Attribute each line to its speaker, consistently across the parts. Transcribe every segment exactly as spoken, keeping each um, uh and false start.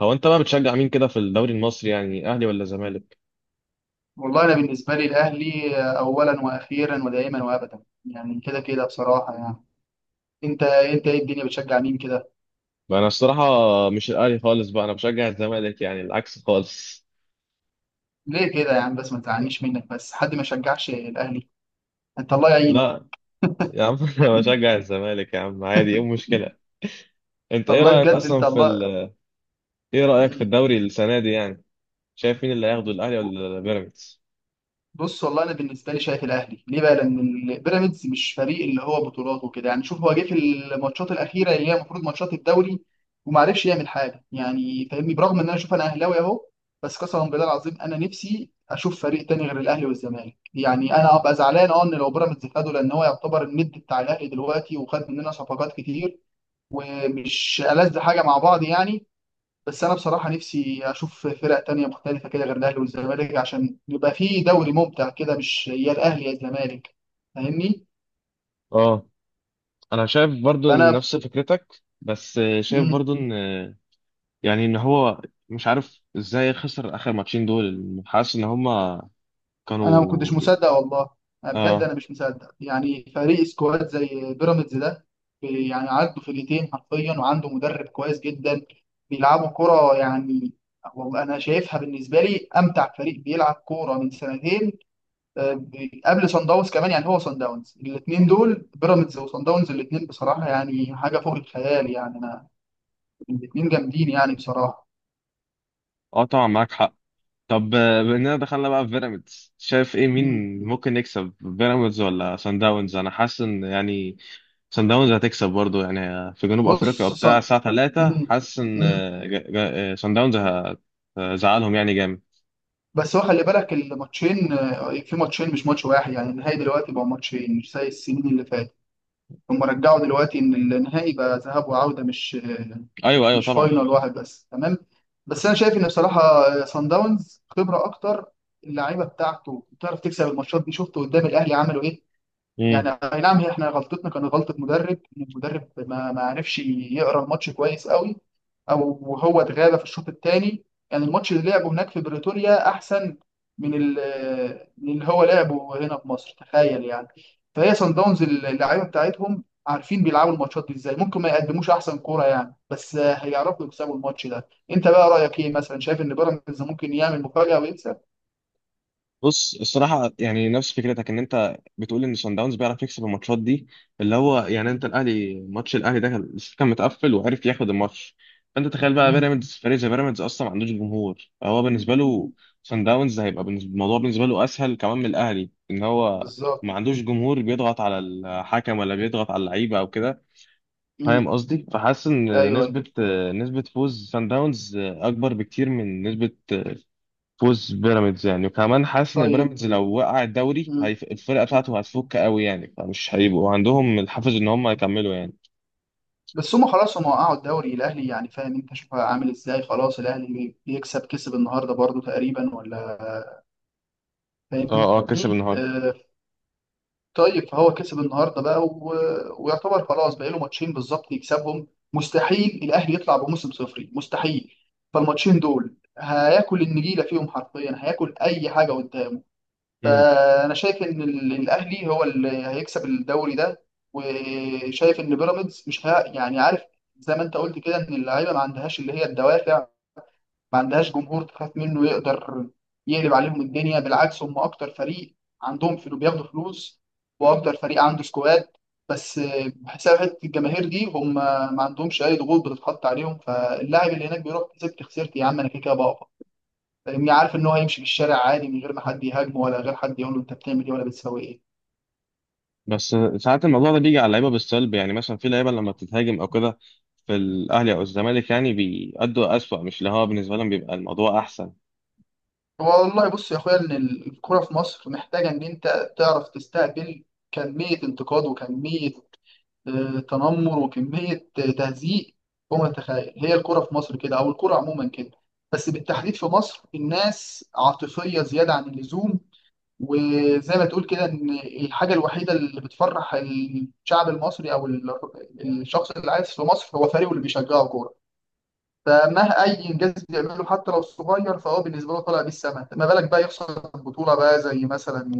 Speaker 1: هو انت بقى بتشجع مين كده في الدوري المصري يعني اهلي ولا زمالك؟
Speaker 2: والله انا بالنسبه لي الاهلي اولا واخيرا ودائما وابدا، يعني كده كده بصراحه يعني. انت انت ايه الدنيا بتشجع مين كده؟
Speaker 1: بقى انا الصراحه مش الاهلي خالص، بقى انا بشجع الزمالك يعني العكس خالص.
Speaker 2: ليه كده يا عم؟ بس ما تزعلنيش منك، بس حد ما يشجعش الاهلي؟ انت الله يعينك.
Speaker 1: لا يا عم انا بشجع الزمالك يا عم، عادي، ايه المشكله؟ انت ايه
Speaker 2: الله،
Speaker 1: رايك
Speaker 2: بجد، انت
Speaker 1: اصلا في
Speaker 2: الله.
Speaker 1: ال...؟ ايه رايك في
Speaker 2: مم.
Speaker 1: الدوري السنه دي يعني؟ شايف مين اللي هياخده، الاهلي ولا بيراميدز؟
Speaker 2: بص، والله انا بالنسبه لي شايف الاهلي، ليه بقى؟ لان البيراميدز مش فريق اللي هو بطولات وكده، يعني شوف هو جه في الماتشات الاخيره اللي هي المفروض ماتشات الدوري وما عرفش يعمل حاجه، يعني فاهمني؟ برغم ان انا شوف، انا اهلاوي اهو، بس قسما بالله العظيم انا نفسي اشوف فريق تاني غير الاهلي والزمالك، يعني انا ابقى زعلان اه ان لو بيراميدز خده، لان هو يعتبر الند بتاع الاهلي دلوقتي وخد مننا صفقات كتير ومش ألذ حاجه مع بعض يعني. بس انا بصراحه نفسي اشوف فرق تانية مختلفه كده غير الاهلي والزمالك عشان يبقى في دوري ممتع كده، مش يا الاهلي يا الزمالك، فاهمني؟
Speaker 1: اه، انا شايف برضو إن
Speaker 2: فانا،
Speaker 1: نفس فكرتك، بس شايف
Speaker 2: مم.
Speaker 1: برضو ان يعني ان هو مش عارف ازاي خسر اخر ماتشين دول، حاسس ان هما
Speaker 2: انا ما كنتش
Speaker 1: كانوا...
Speaker 2: مصدق والله. أنا بجد
Speaker 1: اه،
Speaker 2: انا مش مصدق يعني فريق سكواد زي بيراميدز ده. بي- يعني عنده فرقتين حرفيا وعنده مدرب كويس جدا، بيلعبوا كرة يعني. والله انا شايفها بالنسبه لي امتع فريق بيلعب كوره من سنتين، قبل سان داونز كمان. يعني هو سان داونز، الاثنين دول بيراميدز وسان داونز، الاثنين بصراحه يعني حاجه فوق الخيال يعني. انا الاثنين جامدين يعني بصراحه.
Speaker 1: اه، طبعا معاك حق. طب آه، بما اننا دخلنا بقى في بيراميدز، شايف ايه، مين
Speaker 2: مم.
Speaker 1: ممكن يكسب، بيراميدز ولا سان داونز؟ انا حاسس ان يعني سان داونز هتكسب برضو يعني، في جنوب افريقيا
Speaker 2: بص
Speaker 1: وبتاع
Speaker 2: صن...
Speaker 1: الساعه تلاتة،
Speaker 2: مم.
Speaker 1: حاسس ان
Speaker 2: مم.
Speaker 1: آه، جا- جا- آه، سان داونز هتزعلهم يعني جامد.
Speaker 2: بس هو خلي بالك الماتشين، آه، في ماتشين مش ماتش واحد، يعني النهائي دلوقتي بقى ماتشين مش زي السنين اللي فاتت. هم رجعوا دلوقتي ان النهائي بقى ذهاب وعوده، مش
Speaker 1: ايوه، ايوه،
Speaker 2: مش
Speaker 1: طبعا.
Speaker 2: فاينل واحد بس، تمام؟ بس انا شايف ان بصراحه سان داونز خبره اكتر، اللعيبه بتاعته بتعرف تكسب الماتشات دي. شفت قدام الاهلي عملوا ايه؟ يعني اي نعم، هي احنا غلطتنا كانت غلطه مدرب، ان المدرب ما ما عرفش يقرا الماتش كويس قوي، او وهو اتغاب في الشوط الثاني. يعني الماتش اللي لعبه هناك في بريتوريا احسن من ال- من اللي هو لعبه هنا في مصر، تخيل يعني. فهي صن داونز اللعيبه بتاعتهم عارفين بيلعبوا الماتشات دي ازاي، ممكن ما يقدموش احسن كوره يعني بس هيعرفوا يكسبوا الماتش ده. انت بقى رايك ايه؟ مثلا شايف ان بيراميدز ممكن يعمل مفاجاه ويكسب؟
Speaker 1: بص الصراحة يعني نفس فكرتك ان انت بتقول ان صن داونز بيعرف يكسب الماتشات دي، اللي هو يعني انت الاهلي، ماتش الاهلي ده كان كان متقفل وعرف ياخد الماتش. فانت تخيل بقى،
Speaker 2: مم.
Speaker 1: بيراميدز فريق زي بيراميدز اصلا ما عندوش جمهور، فهو بالنسبة له
Speaker 2: مم.
Speaker 1: صن داونز هيبقى بالنسبة الموضوع بالنسبة له اسهل كمان من الاهلي، ان هو
Speaker 2: بالظبط.
Speaker 1: ما عندوش جمهور بيضغط على الحكم ولا بيضغط على اللعيبة او كده.
Speaker 2: مم.
Speaker 1: فاهم قصدي؟ فحاسس
Speaker 2: ايوه،
Speaker 1: ان
Speaker 2: أيوة.
Speaker 1: نسبة نسبة فوز صن داونز اكبر بكتير من نسبة فوز بيراميدز يعني، وكمان حاسس ان
Speaker 2: طيب.
Speaker 1: بيراميدز لو وقع الدوري
Speaker 2: مم.
Speaker 1: هيف... الفرقه
Speaker 2: مم.
Speaker 1: بتاعته هتفك قوي يعني، فمش هيبقوا عندهم الحافز ان هم يكملوا يعني.
Speaker 2: بس هم خلاص هم وقعوا الدوري الاهلي، يعني فاهم انت؟ شوف عامل ازاي، خلاص الاهلي بي- بيكسب، كسب النهارده برضو تقريبا ولا؟ فاهمني؟
Speaker 1: اه، اه، كسب النهارده.
Speaker 2: آه. طيب، فهو كسب النهارده بقى، و... ويعتبر خلاص بقى له ماتشين بالظبط يكسبهم. مستحيل الاهلي يطلع بموسم صفري، مستحيل. فالماتشين دول هياكل النجيله فيهم حرفيا، هياكل اي حاجه قدامه.
Speaker 1: امم.
Speaker 2: فانا شايف ان ال- الاهلي هو اللي هيكسب الدوري ده، وشايف ان بيراميدز مش ها، يعني عارف، زي ما انت قلت كده، ان اللعيبه ما عندهاش اللي هي الدوافع، ما عندهاش جمهور تخاف منه يقدر يقلب عليهم الدنيا. بالعكس هم اكتر فريق عندهم فلوس، بياخدوا فلوس واكتر فريق عنده سكواد، بس بحساب حته الجماهير دي هم ما عندهمش اي ضغوط بتتحط عليهم. فاللاعب اللي هناك بيروح كسبت خسرت يا عم، انا كده كده بقف، فاهمني؟ عارف ان هو هيمشي في الشارع عادي من غير ما حد يهاجمه ولا غير حد يقول له انت بتعمل ايه ولا بتسوي ايه.
Speaker 1: بس ساعات الموضوع ده بيجي على اللعيبه بالسلب يعني، مثلا في لعيبه لما بتتهاجم او كده في الاهلي او الزمالك يعني بيأدوا اسوأ، مش اللي هو بالنسبه لهم بيبقى الموضوع احسن.
Speaker 2: والله بص يا اخويا، ان الكوره في مصر محتاجه ان انت تعرف تستقبل كميه انتقاد وكميه آه، تنمر وكميه آه، تهزيق فوق ما تتخيل. هي الكوره في مصر كده، او الكوره عموما كده، بس بالتحديد في مصر الناس عاطفيه زياده عن اللزوم. وزي ما تقول كده، ان الحاجه الوحيده اللي بتفرح الشعب المصري او ال- الشخص اللي عايش في مصر، هو فريقه اللي بيشجعه كوره. فمه اي انجاز بيعمله حتى لو صغير، فهو بالنسبه له طالع بيه السما، ما بالك بقى يخسر بطوله بقى، زي مثلا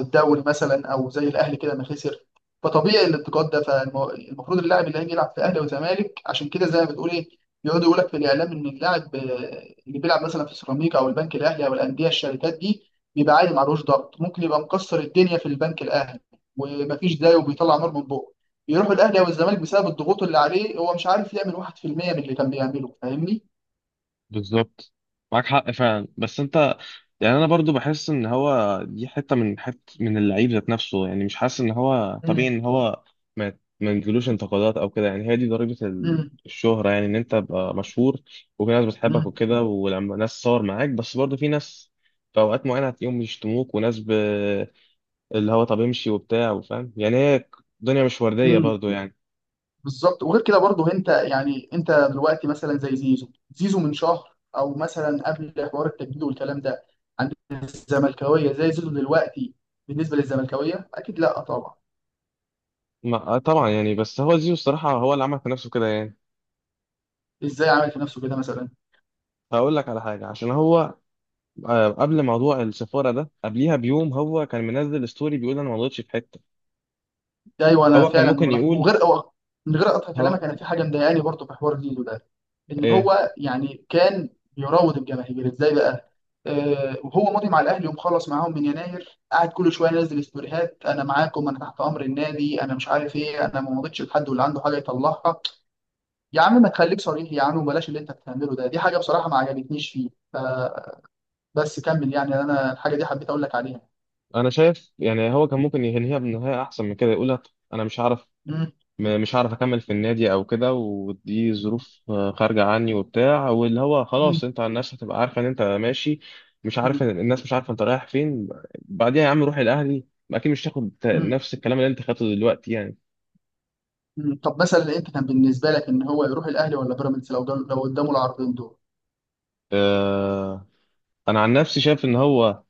Speaker 2: الدوري مثلا، او زي الاهلي كده ما خسر. فطبيعي الانتقاد ده، فالمفروض اللاعب اللي هيجي يلعب في اهلي وزمالك عشان كده، زي ما بتقول ايه، يقعدوا يقول لك في الاعلام ان اللاعب آه، اللي بيلعب مثلا في سيراميكا او البنك الاهلي او الانديه الشركات دي، بيبقى عادي. معلوش، ضغط ممكن يبقى مكسر الدنيا في البنك الاهلي ومفيش داي، وبيطلع نار من بقه، يروح الاهلي او الزمالك بسبب الضغوط اللي عليه، هو مش عارف يعمل واحد في المية من اللي كان بيعمله، فاهمني؟
Speaker 1: بالظبط، معاك حق فعلا، بس انت يعني انا برضو بحس ان هو دي حته من حته من اللعيب ذات نفسه يعني، مش حاسس ان هو طبيعي
Speaker 2: مم.
Speaker 1: ان هو ما ما يجيلوش انتقادات او كده يعني، هي دي ضريبه ال-
Speaker 2: مم.
Speaker 1: الشهره يعني، ان انت تبقى مشهور وفي ناس بتحبك
Speaker 2: مم.
Speaker 1: وكده ولما ناس تصور معاك، بس برضو في ناس في اوقات معينه هتلاقيهم بيشتموك، وناس ب... اللي هو طب امشي وبتاع وفاهم يعني، هي الدنيا مش ورديه
Speaker 2: مم.
Speaker 1: برضو يعني.
Speaker 2: بالظبط. وغير كده برضه، انت يعني انت دلوقتي مثلا زي زيزو، زيزو من شهر، او مثلا قبل حوار التجديد والكلام ده، عند الزملكاويه زي زيزو دلوقتي بالنسبه للزملكاويه، اكيد لا طبعا.
Speaker 1: ما... آه طبعا يعني، بس هو زيزو الصراحه هو اللي عمل في نفسه كده يعني.
Speaker 2: ازاي عمل في نفسه كده مثلا؟
Speaker 1: هقول لك على حاجة، عشان هو آه، قبل موضوع السفارة ده قبليها بيوم هو كان منزل ستوري بيقول انا ما غلطتش في حتة.
Speaker 2: ده ايوه، انا
Speaker 1: هو كان
Speaker 2: فعلا
Speaker 1: ممكن
Speaker 2: ملاحظ،
Speaker 1: يقول
Speaker 2: وغير أو من غير اقطع
Speaker 1: هو
Speaker 2: كلامك، انا في حاجه مضايقاني برضه في حوار زيزو ده، ان
Speaker 1: ايه
Speaker 2: هو يعني كان بيراود الجماهير ازاي بقى؟ آه وهو ماضي مع الاهلي ومخلص معاهم من يناير، قاعد كل شويه ينزل ستوريهات: انا معاكم، انا تحت امر النادي، انا مش عارف ايه، انا ما مضيتش لحد، واللي عنده حاجه يطلعها. يا عم ما تخليك صريح يا عم، وبلاش اللي انت بتعمله ده، دي حاجه بصراحه ما عجبتنيش فيه. فبس كمل، يعني انا الحاجه دي حبيت اقول لك عليها.
Speaker 1: انا شايف يعني هو كان ممكن ينهيها بنهاية احسن من كده، يقول لها: انا مش هعرف
Speaker 2: مم.
Speaker 1: م- مش هعرف اكمل في النادي او كده، ودي ظروف آه، خارجة عني وبتاع، واللي هو خلاص
Speaker 2: مم.
Speaker 1: انت الناس هتبقى عارفة ان انت ماشي، مش عارف إن-
Speaker 2: مم.
Speaker 1: الناس مش عارفة انت رايح فين. بعديها يا عم روح الاهلي، اكيد مش تاخد
Speaker 2: مم.
Speaker 1: نفس الكلام اللي انت خدته دلوقتي يعني.
Speaker 2: مم. طب مثلا انت كان بالنسبه لك ان هو يروح الاهلي ولا بيراميدز لو جال- لو قدامه العرضين دول؟
Speaker 1: آه، انا عن نفسي شايف ان هو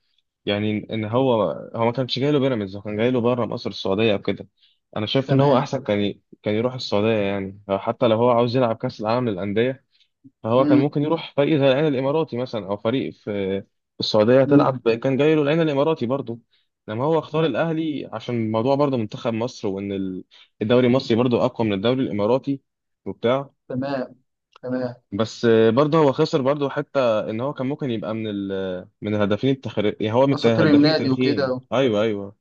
Speaker 1: يعني ان هو، هو ما كانش جاي له بيراميدز، هو كان جاي له بره مصر، السعوديه او كده. انا شايف ان هو
Speaker 2: تمام.
Speaker 1: احسن كان ي... كان يروح السعوديه يعني، حتى لو هو عاوز يلعب كاس العالم للانديه فهو كان
Speaker 2: مم.
Speaker 1: ممكن يروح فريق زي العين الاماراتي مثلا، او فريق في في السعوديه تلعب، كان جاي له العين الاماراتي برضه، لما هو اختار
Speaker 2: مم.
Speaker 1: الاهلي عشان الموضوع برضه منتخب مصر، وان ال- الدوري المصري برضه اقوى من الدوري الاماراتي وبتاع.
Speaker 2: تمام. تمام،
Speaker 1: بس برضه هو خسر برضه، حتى ان هو كان ممكن يبقى من ال من الهدافين التخر... يعني هو من
Speaker 2: اساطير
Speaker 1: الهدافين
Speaker 2: النادي وكده
Speaker 1: التاريخيين.
Speaker 2: و...
Speaker 1: ايوه، ايوه.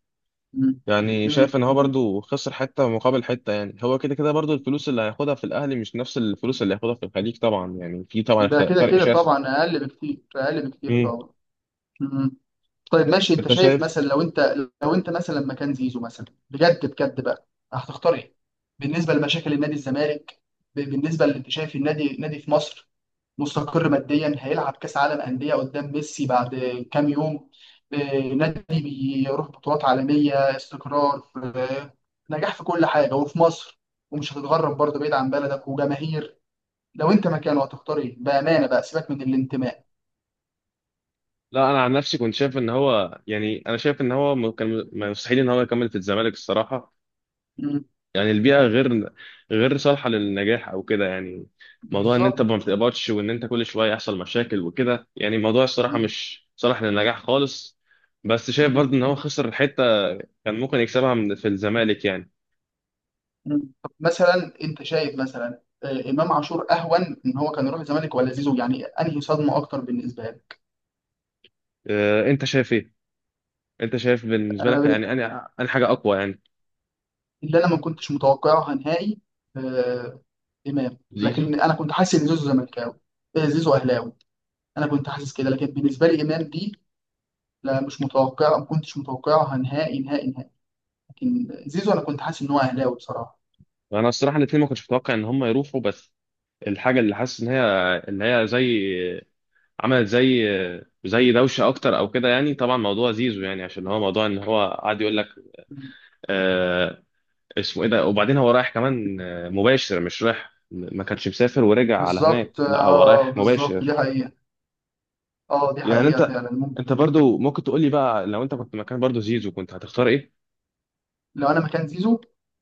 Speaker 2: مم.
Speaker 1: يعني
Speaker 2: مم.
Speaker 1: شايف ان هو برضه خسر حته مقابل حته يعني، هو كده كده برضه الفلوس اللي هياخدها في الاهلي مش نفس الفلوس اللي هياخدها في الخليج طبعا يعني، في طبعا
Speaker 2: ده
Speaker 1: خ-
Speaker 2: كده
Speaker 1: فرق
Speaker 2: كده
Speaker 1: شاسع.
Speaker 2: طبعا اقل بكتير، اقل بكتير
Speaker 1: امم.
Speaker 2: طبعا. مم. طيب ماشي، انت
Speaker 1: انت
Speaker 2: شايف
Speaker 1: شايف؟
Speaker 2: مثلا لو انت، لو انت مثلا مكان زيزو مثلا، بجد بجد بقى هتختار ايه؟ بالنسبه لمشاكل النادي الزمالك، ب- بالنسبه اللي انت شايف، النادي النادي في مصر مستقر ماديا، هيلعب كاس عالم انديه قدام ميسي بعد كام يوم، آه، نادي بيروح بطولات عالميه، استقرار، في نجاح في كل حاجه وفي مصر، ومش هتتغرب برضه بعيد عن بلدك وجماهير. لو انت مكانه هتختار ايه بامانه بقى، سيبك من الانتماء؟
Speaker 1: لا انا عن نفسي كنت شايف ان هو يعني انا شايف ان هو م- كان، م- مستحيل ان هو يكمل في الزمالك الصراحه،
Speaker 2: مم.
Speaker 1: يعني البيئة غير غير صالحة للنجاح أو كده يعني، موضوع إن أنت
Speaker 2: بالظبط.
Speaker 1: ما بتقبضش وإن أنت كل شوية يحصل مشاكل وكده يعني الموضوع الصراحة
Speaker 2: مم.
Speaker 1: مش صالح للنجاح خالص. بس شايف
Speaker 2: مم.
Speaker 1: برضه إن هو خسر حتة كان ممكن يكسبها من في الزمالك يعني.
Speaker 2: مم. طب مثلا انت شايف مثلا آه، امام عاشور اهون ان هو كان يروح الزمالك ولا زيزو؟ يعني انهي صدمه اكتر بالنسبه
Speaker 1: أه أنت شايف إيه؟ أنت شايف بالنسبة لك
Speaker 2: لك؟
Speaker 1: يعني، أنا أنا حاجة أقوى يعني،
Speaker 2: اللي انا ما كنتش متوقعها نهائي آه، امام،
Speaker 1: زيزو.
Speaker 2: لكن انا كنت حاسس ان زيزو زملكاوي، آه، زيزو اهلاوي، انا كنت حاسس كده. لكن بالنسبه لي امام دي لا، مش متوقع، ما كنتش متوقعها نهائي نهائي نهائي. لكن زيزو انا كنت حاسس ان هو اهلاوي بصراحه.
Speaker 1: وأنا الصراحة الاتنين ما كنتش متوقع إن هم يروحوا، بس الحاجة اللي حاسس إن هي اللي هي زي، عملت زي زي دوشه اكتر او كده يعني. طبعا موضوع زيزو يعني عشان هو موضوع ان هو قاعد يقول لك آه، اسمه ايه ده، وبعدين هو رايح كمان آه، مباشر، مش رايح ما كانش مسافر ورجع على هناك،
Speaker 2: بالظبط.
Speaker 1: لا هو
Speaker 2: اه
Speaker 1: رايح
Speaker 2: بالظبط، دي
Speaker 1: مباشر
Speaker 2: حقيقه. اه دي
Speaker 1: يعني.
Speaker 2: حقيقه
Speaker 1: انت
Speaker 2: فعلا، ممكن.
Speaker 1: انت برضو ممكن تقول لي بقى لو انت كنت مكان برضو زيزو كنت هتختار ايه؟
Speaker 2: لو انا مكان زيزو،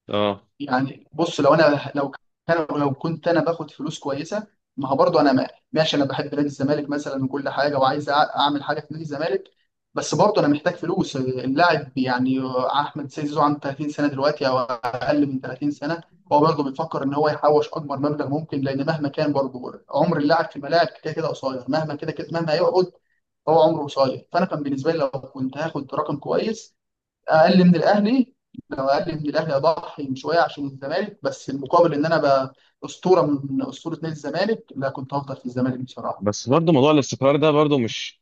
Speaker 1: اه،
Speaker 2: يعني بص لو انا لو كان، لو كنت انا باخد فلوس كويسه، ما هو برضه انا، ما- ماشي، انا بحب نادي الزمالك مثلا وكل حاجه وعايز، أع- اعمل حاجه في نادي الزمالك، بس برضه انا محتاج فلوس اللاعب يعني. احمد سيد زيزو عنده 30 سنه دلوقتي او اقل من 30 سنه، هو برضه بيفكر ان هو يحوش اكبر مبلغ ممكن، لان مهما كان برضه عمر اللاعب في الملاعب كده كده قصير، مهما كده كده مهما هيقعد هو عمره قصير. فانا كان بالنسبه لي لو كنت هاخد رقم كويس اقل من الاهلي، لو اقل من الاهلي اضحي شويه عشان الزمالك، بس المقابل ان انا بقى اسطوره من اسطوره نادي الزمالك، لا كنت هفضل في الزمالك بصراحه.
Speaker 1: بس برضو موضوع الاستقرار ده برضو مش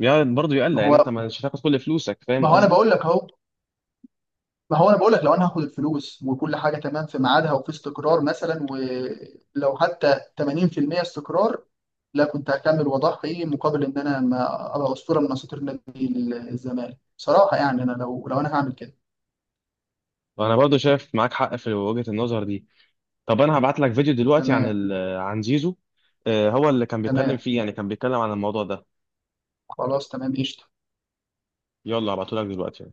Speaker 1: يعني برضو
Speaker 2: ما
Speaker 1: يقلق يعني، انت
Speaker 2: هو،
Speaker 1: مش هتاخد كل فلوسك، فاهم
Speaker 2: ما هو انا
Speaker 1: قصدي؟
Speaker 2: بقول لك اهو، ما هو انا بقول لك لو انا هاخد الفلوس وكل حاجه تمام في ميعادها، وفي استقرار مثلا، ولو حتى تمانين في المية استقرار، لا كنت هكمل واضحي مقابل ان انا ما ابقى اسطوره من اساطير نادي الزمالك بصراحه. يعني انا لو لو انا هعمل كده.
Speaker 1: وانا برضو شايف معاك حق في وجهة النظر دي. طب انا هبعت لك فيديو دلوقتي عن
Speaker 2: تمام.
Speaker 1: ال... عن زيزو، آه، هو اللي كان
Speaker 2: تمام،
Speaker 1: بيتكلم فيه يعني، كان بيتكلم عن الموضوع ده.
Speaker 2: خلاص تمام قشطه.
Speaker 1: يلا هبعته لك دلوقتي.